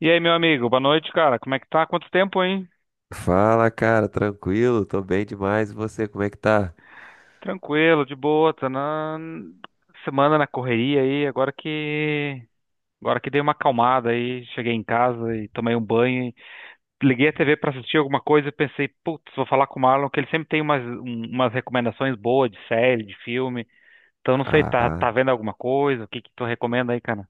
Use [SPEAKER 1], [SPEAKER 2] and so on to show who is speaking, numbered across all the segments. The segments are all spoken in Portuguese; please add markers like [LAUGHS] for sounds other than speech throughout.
[SPEAKER 1] E aí, meu amigo, boa noite, cara. Como é que tá? Quanto tempo, hein?
[SPEAKER 2] Fala, cara, tranquilo? Tô bem demais. E você, como é que tá?
[SPEAKER 1] Tranquilo, de boa, tá na semana na correria aí, agora que dei uma acalmada aí, cheguei em casa e tomei um banho, e liguei a TV pra assistir alguma coisa e pensei, putz, vou falar com o Marlon que ele sempre tem umas, umas recomendações boas de série, de filme. Então não sei, tá
[SPEAKER 2] Ah,
[SPEAKER 1] tá vendo alguma coisa? O que que tu recomenda aí, cara?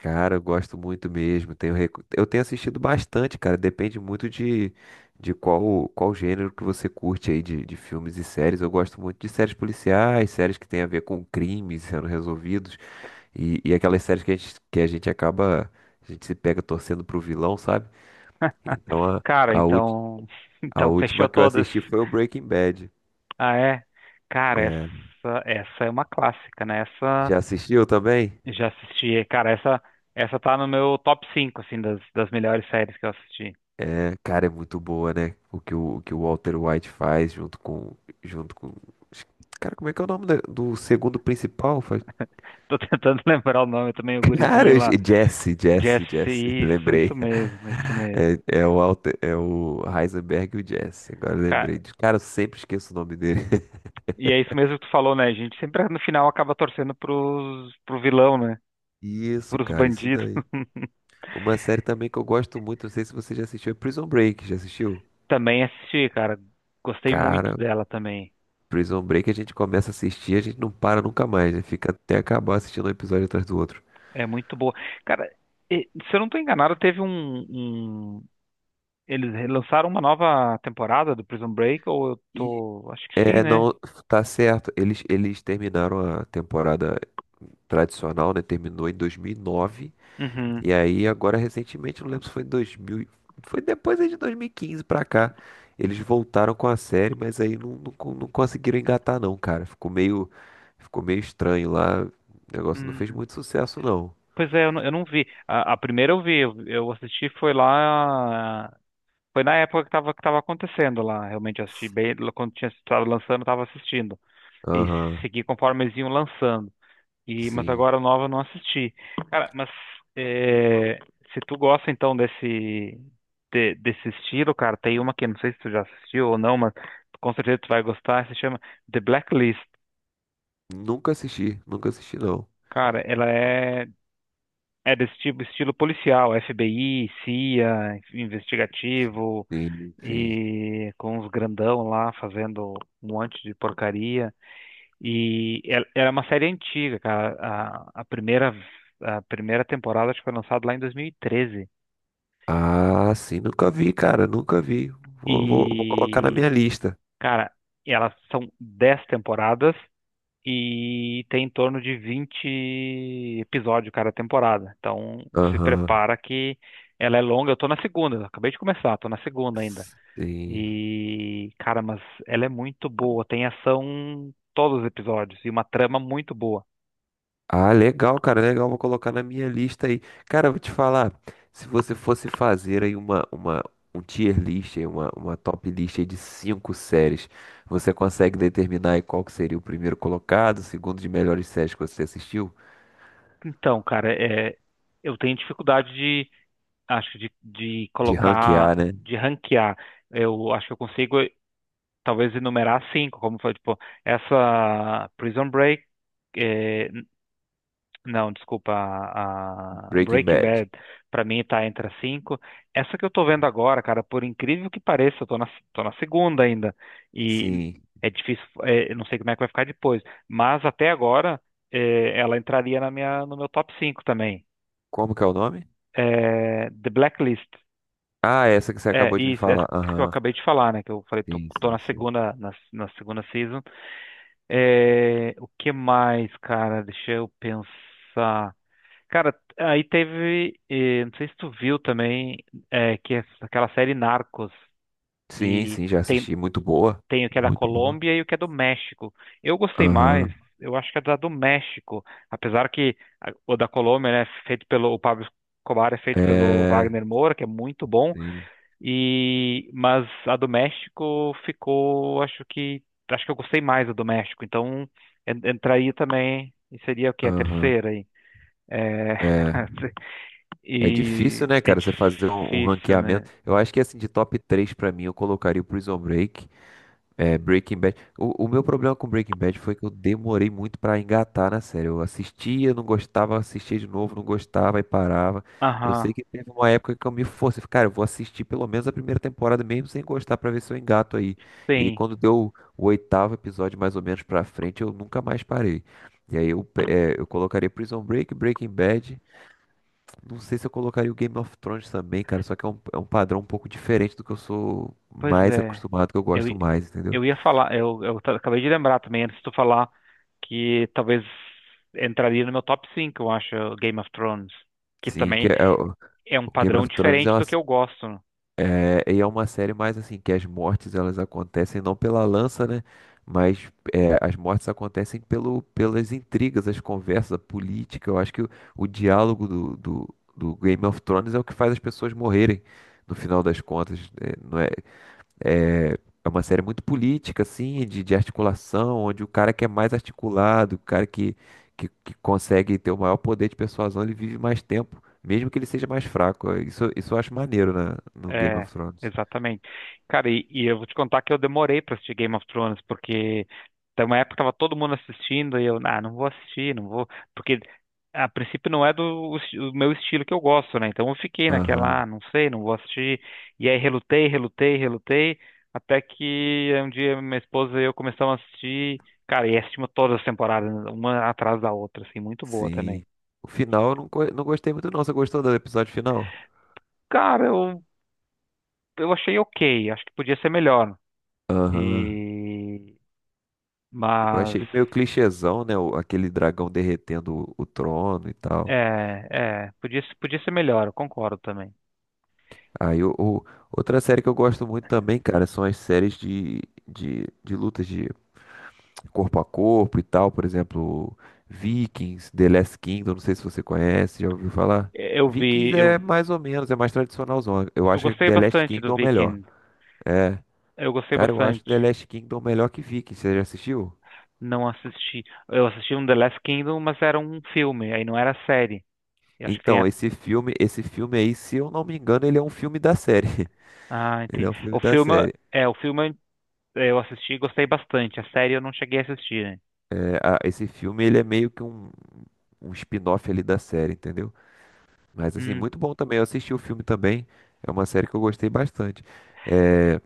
[SPEAKER 2] cara, eu gosto muito mesmo. Tenho, eu tenho assistido bastante, cara. Depende muito de qual gênero que você curte aí de filmes e séries. Eu gosto muito de séries policiais, séries que tem a ver com crimes sendo resolvidos e aquelas séries que a gente acaba, a gente se pega torcendo pro vilão, sabe? Então a,
[SPEAKER 1] Cara,
[SPEAKER 2] a, ulti-
[SPEAKER 1] então [LAUGHS]
[SPEAKER 2] a
[SPEAKER 1] então fechou
[SPEAKER 2] última que eu
[SPEAKER 1] todas.
[SPEAKER 2] assisti foi o Breaking Bad.
[SPEAKER 1] Ah, é. Cara,
[SPEAKER 2] É,
[SPEAKER 1] essa é uma clássica, né? Essa
[SPEAKER 2] já assistiu também?
[SPEAKER 1] já assisti. Cara, essa tá no meu top 5 assim, das, das melhores séries que eu assisti.
[SPEAKER 2] É, cara, é muito boa, né? O que o Walter White faz junto com, junto com. Cara, como é que é o nome do segundo principal? Foi-
[SPEAKER 1] Tô tentando [LAUGHS] lembrar o nome também, o
[SPEAKER 2] [LAUGHS] Cara,
[SPEAKER 1] gurizinho
[SPEAKER 2] eu
[SPEAKER 1] lá.
[SPEAKER 2] Jesse, Jesse,
[SPEAKER 1] Jesse,
[SPEAKER 2] Jesse. [LAUGHS]
[SPEAKER 1] isso
[SPEAKER 2] Lembrei.
[SPEAKER 1] mesmo, isso mesmo.
[SPEAKER 2] É, é o Walter, é o Heisenberg e o Jesse. Agora eu
[SPEAKER 1] Cara,
[SPEAKER 2] lembrei. Cara, eu sempre esqueço o nome dele. [LAUGHS]
[SPEAKER 1] e é isso mesmo que tu falou, né? A gente sempre no final acaba torcendo pros, pro vilão, né?
[SPEAKER 2] Isso,
[SPEAKER 1] Pros
[SPEAKER 2] cara, isso
[SPEAKER 1] bandidos.
[SPEAKER 2] daí.
[SPEAKER 1] [LAUGHS]
[SPEAKER 2] Uma série também que eu gosto muito, não sei se você já assistiu, é Prison Break. Já assistiu?
[SPEAKER 1] Também assisti, cara. Gostei muito
[SPEAKER 2] Cara,
[SPEAKER 1] dela também.
[SPEAKER 2] Prison Break a gente começa a assistir, a gente não para nunca mais, né? Fica até acabar assistindo um episódio atrás do outro.
[SPEAKER 1] É muito boa. Cara, se eu não tô enganado, teve um, um... Eles lançaram uma nova temporada do Prison Break, ou eu tô... Acho que sim,
[SPEAKER 2] É,
[SPEAKER 1] né?
[SPEAKER 2] não, tá certo. Eles terminaram a temporada tradicional, né? Terminou em 2009. E nove.
[SPEAKER 1] Uhum.
[SPEAKER 2] E aí, agora, recentemente, não lembro se foi em foi depois aí de 2015 pra cá. Eles voltaram com a série, mas aí não, não conseguiram engatar, não, cara. Ficou meio estranho lá. O negócio não fez
[SPEAKER 1] Hum,
[SPEAKER 2] muito sucesso, não.
[SPEAKER 1] pois é, eu não vi. A primeira eu vi, eu assisti foi lá. Foi na época que tava acontecendo lá. Realmente eu assisti bem, quando tinha estado lançando, eu tava assistindo. E
[SPEAKER 2] Aham,
[SPEAKER 1] segui conforme eles iam lançando. E, mas
[SPEAKER 2] sim.
[SPEAKER 1] agora a nova eu não assisti. Cara, mas é, se tu gosta então desse, desse estilo, cara, tem uma que eu não sei se tu já assistiu ou não, mas com certeza tu vai gostar, se chama The Blacklist.
[SPEAKER 2] Nunca assisti, nunca assisti, não.
[SPEAKER 1] Cara, ela é é desse tipo, estilo policial, FBI, CIA, investigativo,
[SPEAKER 2] Sim, sim.
[SPEAKER 1] e com os grandão lá fazendo um monte de porcaria. E era uma série antiga, cara. A primeira temporada acho que foi lançada lá em 2013. E, treze.
[SPEAKER 2] Ah, sim, nunca vi, cara, nunca vi. Vou colocar na
[SPEAKER 1] E,
[SPEAKER 2] minha lista.
[SPEAKER 1] cara, elas são 10 temporadas e tem em torno de 20 episódios cada temporada. Então, se
[SPEAKER 2] Aham.
[SPEAKER 1] prepara que ela é longa. Eu tô na segunda, eu acabei de começar, tô na segunda ainda.
[SPEAKER 2] Sim.
[SPEAKER 1] E, cara, mas ela é muito boa, tem ação em todos os episódios e uma trama muito boa.
[SPEAKER 2] Ah, legal, cara, legal. Vou colocar na minha lista aí. Cara, eu vou te falar, se você fosse fazer aí um tier list, aí, uma top list aí de cinco séries, você consegue determinar aí qual que seria o primeiro colocado, o segundo de melhores séries que você assistiu?
[SPEAKER 1] Então, cara, é, eu tenho dificuldade de, acho, de
[SPEAKER 2] De
[SPEAKER 1] colocar,
[SPEAKER 2] ranquear, né?
[SPEAKER 1] de ranquear. Eu acho que eu consigo, talvez, enumerar cinco, como foi, tipo, essa Prison Break, é, não, desculpa, a
[SPEAKER 2] Breaking
[SPEAKER 1] Breaking
[SPEAKER 2] Bad.
[SPEAKER 1] Bad pra mim tá entre as cinco. Essa que eu tô vendo agora, cara, por incrível que pareça, tô na segunda ainda. E
[SPEAKER 2] Sim.
[SPEAKER 1] é difícil, é, eu não sei como é que vai ficar depois. Mas até agora, é, ela entraria na minha, no meu top cinco também.
[SPEAKER 2] Como que é o nome?
[SPEAKER 1] É, The Blacklist.
[SPEAKER 2] Ah, essa que você
[SPEAKER 1] É,
[SPEAKER 2] acabou de me
[SPEAKER 1] isso, essa
[SPEAKER 2] falar.
[SPEAKER 1] que eu
[SPEAKER 2] Aham.
[SPEAKER 1] acabei de falar, né? Que eu falei,
[SPEAKER 2] Sim,
[SPEAKER 1] tô na
[SPEAKER 2] sim, sim.
[SPEAKER 1] segunda, na segunda season. É, o que mais, cara? Deixa eu pensar. Cara, aí teve, não sei se tu viu também, que é aquela série Narcos,
[SPEAKER 2] Sim,
[SPEAKER 1] e
[SPEAKER 2] sim, já
[SPEAKER 1] tem,
[SPEAKER 2] assisti. Muito boa.
[SPEAKER 1] tem o que é da
[SPEAKER 2] Muito boa.
[SPEAKER 1] Colômbia e o que é do México. Eu gostei mais,
[SPEAKER 2] Aham.
[SPEAKER 1] eu acho que é da do México, apesar que o da Colômbia, né, é feito pelo o Pablo Escobar, é feito pelo
[SPEAKER 2] É.
[SPEAKER 1] Wagner Moura, que é muito bom,
[SPEAKER 2] Sim.
[SPEAKER 1] e mas a do México ficou, acho que eu gostei mais da do México, então entraria também, e seria o que, a
[SPEAKER 2] Aham.
[SPEAKER 1] terceira aí. É,
[SPEAKER 2] É.
[SPEAKER 1] [LAUGHS]
[SPEAKER 2] É difícil,
[SPEAKER 1] e
[SPEAKER 2] né,
[SPEAKER 1] é
[SPEAKER 2] cara, você fazer um, um
[SPEAKER 1] difícil, né?
[SPEAKER 2] ranqueamento. Eu acho que, assim, de top 3 pra mim, eu colocaria o Prison Break. É, Breaking Bad. O meu problema com Breaking Bad foi que eu demorei muito pra engatar na série. Eu assistia, não gostava, assistia de novo, não gostava e parava. Eu
[SPEAKER 1] Aham,
[SPEAKER 2] sei que teve uma época que eu me forcei, falei, cara, eu vou assistir pelo menos a primeira temporada mesmo sem gostar pra ver se eu engato aí. E aí
[SPEAKER 1] tem.
[SPEAKER 2] quando deu o oitavo episódio mais ou menos pra frente, eu nunca mais parei. E aí eu colocaria Prison Break, Breaking Bad. Não sei se eu colocaria o Game of Thrones também, cara, só que é um padrão um pouco diferente do que eu sou
[SPEAKER 1] Pois
[SPEAKER 2] mais
[SPEAKER 1] é.
[SPEAKER 2] acostumado, que eu
[SPEAKER 1] Eu,
[SPEAKER 2] gosto
[SPEAKER 1] i-
[SPEAKER 2] mais, entendeu?
[SPEAKER 1] eu ia falar, eu, acabei de lembrar também, antes de tu falar, que talvez entraria no meu top 5 eu acho, Game of Thrones. Que
[SPEAKER 2] Sim, que
[SPEAKER 1] também
[SPEAKER 2] é, é
[SPEAKER 1] é um
[SPEAKER 2] o Game
[SPEAKER 1] padrão
[SPEAKER 2] of Thrones é
[SPEAKER 1] diferente
[SPEAKER 2] uma,
[SPEAKER 1] do que
[SPEAKER 2] s-
[SPEAKER 1] eu gosto.
[SPEAKER 2] é, e é uma série mais assim, que as mortes elas acontecem não pela lança, né? Mas é, as mortes acontecem pelo, pelas intrigas, as conversas, a política. Eu acho que o diálogo do, do Game of Thrones é o que faz as pessoas morrerem no final das contas. Né? não é, é, é uma série muito política, assim, de articulação, onde o cara que é mais articulado, o cara que, que consegue ter o maior poder de persuasão, ele vive mais tempo, mesmo que ele seja mais fraco. É, isso eu acho maneiro na, no Game
[SPEAKER 1] É,
[SPEAKER 2] of Thrones.
[SPEAKER 1] exatamente. Cara, e eu vou te contar que eu demorei pra assistir Game of Thrones, porque tem uma época que tava todo mundo assistindo e eu, ah, não vou assistir, não vou, porque a princípio não é do, o meu estilo que eu gosto, né? Então eu fiquei naquela,
[SPEAKER 2] Aham,
[SPEAKER 1] ah, não sei, não vou assistir. E aí relutei, até que um dia minha esposa e eu começamos a assistir, cara, e assistimos todas as temporadas, uma atrás da outra, assim, muito boa também.
[SPEAKER 2] sim. O final eu não gostei muito, não. Você gostou do episódio final?
[SPEAKER 1] Cara, eu achei ok, acho que podia ser melhor.
[SPEAKER 2] Aham.
[SPEAKER 1] E,
[SPEAKER 2] Eu
[SPEAKER 1] mas
[SPEAKER 2] achei meio clichêzão, né? Aquele dragão derretendo o trono e tal.
[SPEAKER 1] é, é, podia, podia ser melhor, eu concordo também.
[SPEAKER 2] Aí, o, o- outra série que eu gosto muito também, cara, são as séries de, de lutas de corpo a corpo e tal, por exemplo, Vikings, The Last Kingdom, não sei se você conhece, já ouviu falar?
[SPEAKER 1] Eu vi,
[SPEAKER 2] Vikings é mais ou menos, é mais tradicionalzão. Eu
[SPEAKER 1] eu
[SPEAKER 2] acho que
[SPEAKER 1] gostei
[SPEAKER 2] The Last
[SPEAKER 1] bastante do
[SPEAKER 2] Kingdom é o melhor.
[SPEAKER 1] Viking.
[SPEAKER 2] É,
[SPEAKER 1] Eu gostei
[SPEAKER 2] cara, eu acho
[SPEAKER 1] bastante.
[SPEAKER 2] The Last Kingdom melhor que Vikings, você já assistiu?
[SPEAKER 1] Não assisti. Eu assisti um The Last Kingdom, mas era um filme, aí não era série. Eu acho que tem
[SPEAKER 2] Então,
[SPEAKER 1] a...
[SPEAKER 2] esse filme aí, se eu não me engano, ele é um filme da série. [LAUGHS]
[SPEAKER 1] Ah,
[SPEAKER 2] Ele
[SPEAKER 1] entendi.
[SPEAKER 2] é um filme
[SPEAKER 1] O
[SPEAKER 2] da
[SPEAKER 1] filme,
[SPEAKER 2] série.
[SPEAKER 1] é, o filme eu assisti e gostei bastante. A série eu não cheguei a assistir, né?
[SPEAKER 2] É, esse filme, ele é meio que um spin-off ali da série, entendeu? Mas assim,
[SPEAKER 1] Hum,
[SPEAKER 2] muito bom também. Eu assisti o filme também. É uma série que eu gostei bastante. É,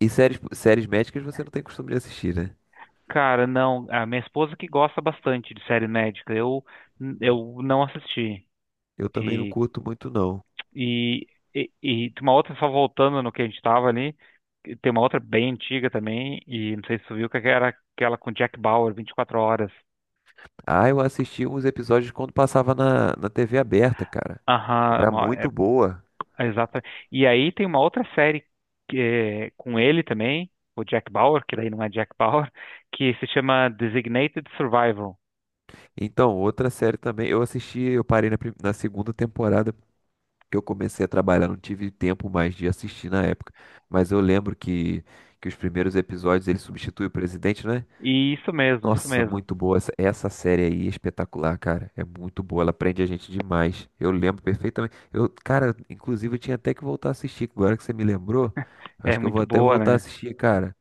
[SPEAKER 2] e séries, séries médicas você não tem costume de assistir, né?
[SPEAKER 1] cara, não. A minha esposa que gosta bastante de série médica. Eu não assisti.
[SPEAKER 2] Eu também não curto muito, não.
[SPEAKER 1] E, e tem uma outra, só voltando no que a gente tava ali, que tem uma outra bem antiga também, e não sei se você viu, que era aquela com Jack Bauer, 24 horas.
[SPEAKER 2] Ah, eu assisti uns episódios quando passava na, na TV aberta, cara.
[SPEAKER 1] Aham,
[SPEAKER 2] Era
[SPEAKER 1] é,
[SPEAKER 2] muito boa.
[SPEAKER 1] é exata. E aí tem uma outra série que é com ele também, o Jack Bauer, que daí não é Jack Bauer, [LAUGHS] que se chama Designated Survival.
[SPEAKER 2] Então, outra série também. Eu assisti, eu parei na segunda temporada que eu comecei a trabalhar. Não tive tempo mais de assistir na época. Mas eu lembro que os primeiros episódios ele substitui o presidente, né?
[SPEAKER 1] E isso mesmo, isso
[SPEAKER 2] Nossa,
[SPEAKER 1] mesmo.
[SPEAKER 2] muito boa. Essa série aí é espetacular, cara. É muito boa. Ela prende a gente demais. Eu lembro perfeitamente. Eu, cara, inclusive eu tinha até que voltar a assistir. Agora que você me lembrou, eu
[SPEAKER 1] É
[SPEAKER 2] acho que eu vou
[SPEAKER 1] muito
[SPEAKER 2] até
[SPEAKER 1] boa,
[SPEAKER 2] voltar a
[SPEAKER 1] né?
[SPEAKER 2] assistir, cara.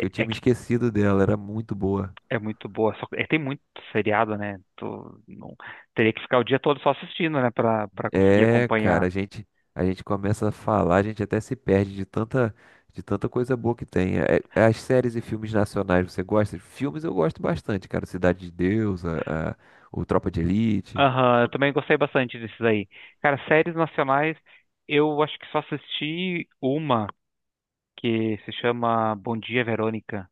[SPEAKER 1] É,
[SPEAKER 2] eu
[SPEAKER 1] é
[SPEAKER 2] tinha me
[SPEAKER 1] que
[SPEAKER 2] esquecido dela. Era muito boa.
[SPEAKER 1] É muito boa. Só, é, tem muito seriado, né? Tu, não, teria que ficar o dia todo só assistindo, né? Pra, pra conseguir
[SPEAKER 2] É, cara,
[SPEAKER 1] acompanhar.
[SPEAKER 2] a gente começa a falar, a gente até se perde de tanta coisa boa que tem. É as séries e filmes nacionais, você gosta? Filmes eu gosto bastante, cara. Cidade de Deus, o Tropa de Elite.
[SPEAKER 1] Aham, eu também gostei bastante desses aí. Cara, séries nacionais, eu acho que só assisti uma, que se chama Bom Dia, Verônica.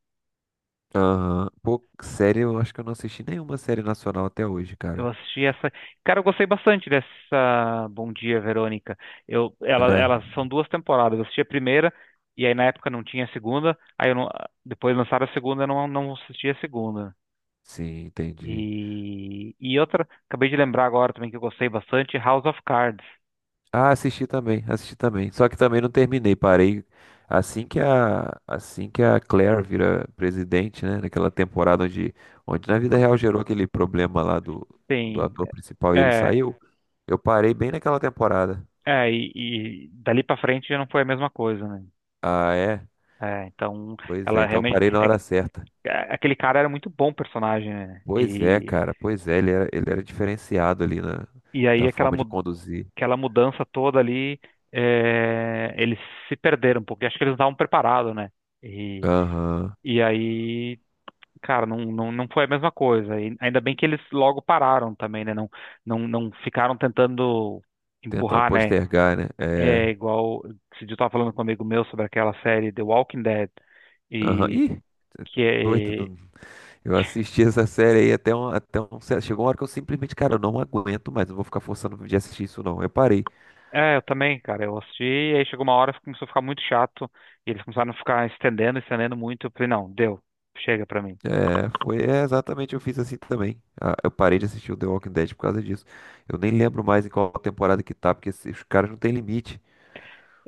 [SPEAKER 2] Aham. Pô, série, eu acho que eu não assisti nenhuma série nacional até hoje,
[SPEAKER 1] Eu
[SPEAKER 2] cara.
[SPEAKER 1] assisti essa. Cara, eu gostei bastante dessa Bom Dia, Verônica. Ela,
[SPEAKER 2] É.
[SPEAKER 1] elas são duas temporadas. Eu assisti a primeira, e aí na época não tinha a segunda. Aí eu não, depois lançaram a segunda, eu não, não assisti a segunda.
[SPEAKER 2] Sim, entendi.
[SPEAKER 1] E outra, acabei de lembrar agora também que eu gostei bastante, House of Cards.
[SPEAKER 2] Ah, assisti também, assisti também. Só que também não terminei, parei. Assim que a Claire vira presidente, né? Naquela temporada onde, onde na vida real gerou aquele problema lá do, do
[SPEAKER 1] Tem,
[SPEAKER 2] ator principal e ele
[SPEAKER 1] é,
[SPEAKER 2] saiu, eu parei bem naquela temporada.
[SPEAKER 1] é, e dali pra frente já não foi a mesma coisa, né?
[SPEAKER 2] Ah, é?
[SPEAKER 1] É, então,
[SPEAKER 2] Pois é,
[SPEAKER 1] ela
[SPEAKER 2] então eu
[SPEAKER 1] realmente,
[SPEAKER 2] parei na hora certa.
[SPEAKER 1] aquele cara era muito bom personagem, né?
[SPEAKER 2] Pois é, cara, pois é, ele era diferenciado ali na,
[SPEAKER 1] E aí
[SPEAKER 2] na
[SPEAKER 1] aquela,
[SPEAKER 2] forma de conduzir.
[SPEAKER 1] aquela mudança toda ali, é, eles se perderam um pouco, e acho que eles não estavam preparados, né? E,
[SPEAKER 2] Aham.
[SPEAKER 1] e aí cara, não foi a mesma coisa. E ainda bem que eles logo pararam também, né? Não, não ficaram tentando
[SPEAKER 2] Tentando
[SPEAKER 1] empurrar, né?
[SPEAKER 2] postergar, né? É.
[SPEAKER 1] É igual. Esse dia eu tava falando com um amigo meu sobre aquela série The Walking Dead.
[SPEAKER 2] Aham.
[SPEAKER 1] E
[SPEAKER 2] Ih, cê é
[SPEAKER 1] que
[SPEAKER 2] doido.
[SPEAKER 1] é.
[SPEAKER 2] Eu assisti essa série aí até um certo. Chegou uma hora que eu simplesmente, cara, eu não aguento mais. Não vou ficar forçando de assistir isso, não. Eu parei.
[SPEAKER 1] É, eu também, cara. Eu assisti e aí chegou uma hora que começou a ficar muito chato. E eles começaram a ficar estendendo, estendendo muito. Eu falei, não, deu. Chega pra mim.
[SPEAKER 2] É, foi é, exatamente, eu fiz assim também. Ah, eu parei de assistir o The Walking Dead por causa disso. Eu nem lembro mais em qual temporada que tá, porque os caras não têm limite.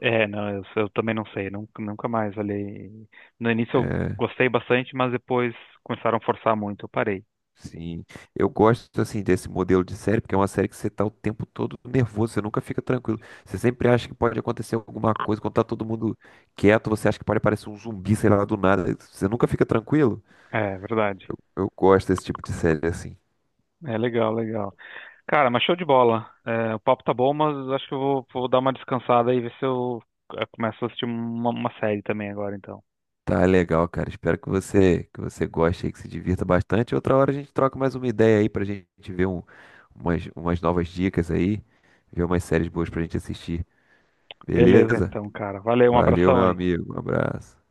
[SPEAKER 1] É, não, eu também não sei. Nunca mais olhei. No início eu
[SPEAKER 2] É,
[SPEAKER 1] gostei bastante, mas depois começaram a forçar muito. Eu parei.
[SPEAKER 2] sim, eu gosto assim desse modelo de série, porque é uma série que você tá o tempo todo nervoso, você nunca fica tranquilo. Você sempre acha que pode acontecer alguma coisa, quando tá todo mundo quieto, você acha que pode aparecer um zumbi, sei lá, do nada. Você nunca fica tranquilo.
[SPEAKER 1] É verdade.
[SPEAKER 2] Eu gosto desse tipo de série assim.
[SPEAKER 1] É legal, legal. Cara, mas show de bola. É, o papo tá bom, mas acho que vou dar uma descansada e ver se eu começo a assistir uma série também agora, então.
[SPEAKER 2] Tá legal, cara. Espero que você goste aí, que se divirta bastante. Outra hora a gente troca mais uma ideia aí pra gente ver um- umas, umas novas dicas aí, ver umas séries boas pra gente assistir.
[SPEAKER 1] Beleza,
[SPEAKER 2] Beleza?
[SPEAKER 1] então, cara. Valeu, um
[SPEAKER 2] Valeu,
[SPEAKER 1] abração
[SPEAKER 2] meu
[SPEAKER 1] aí.
[SPEAKER 2] amigo. Um abraço.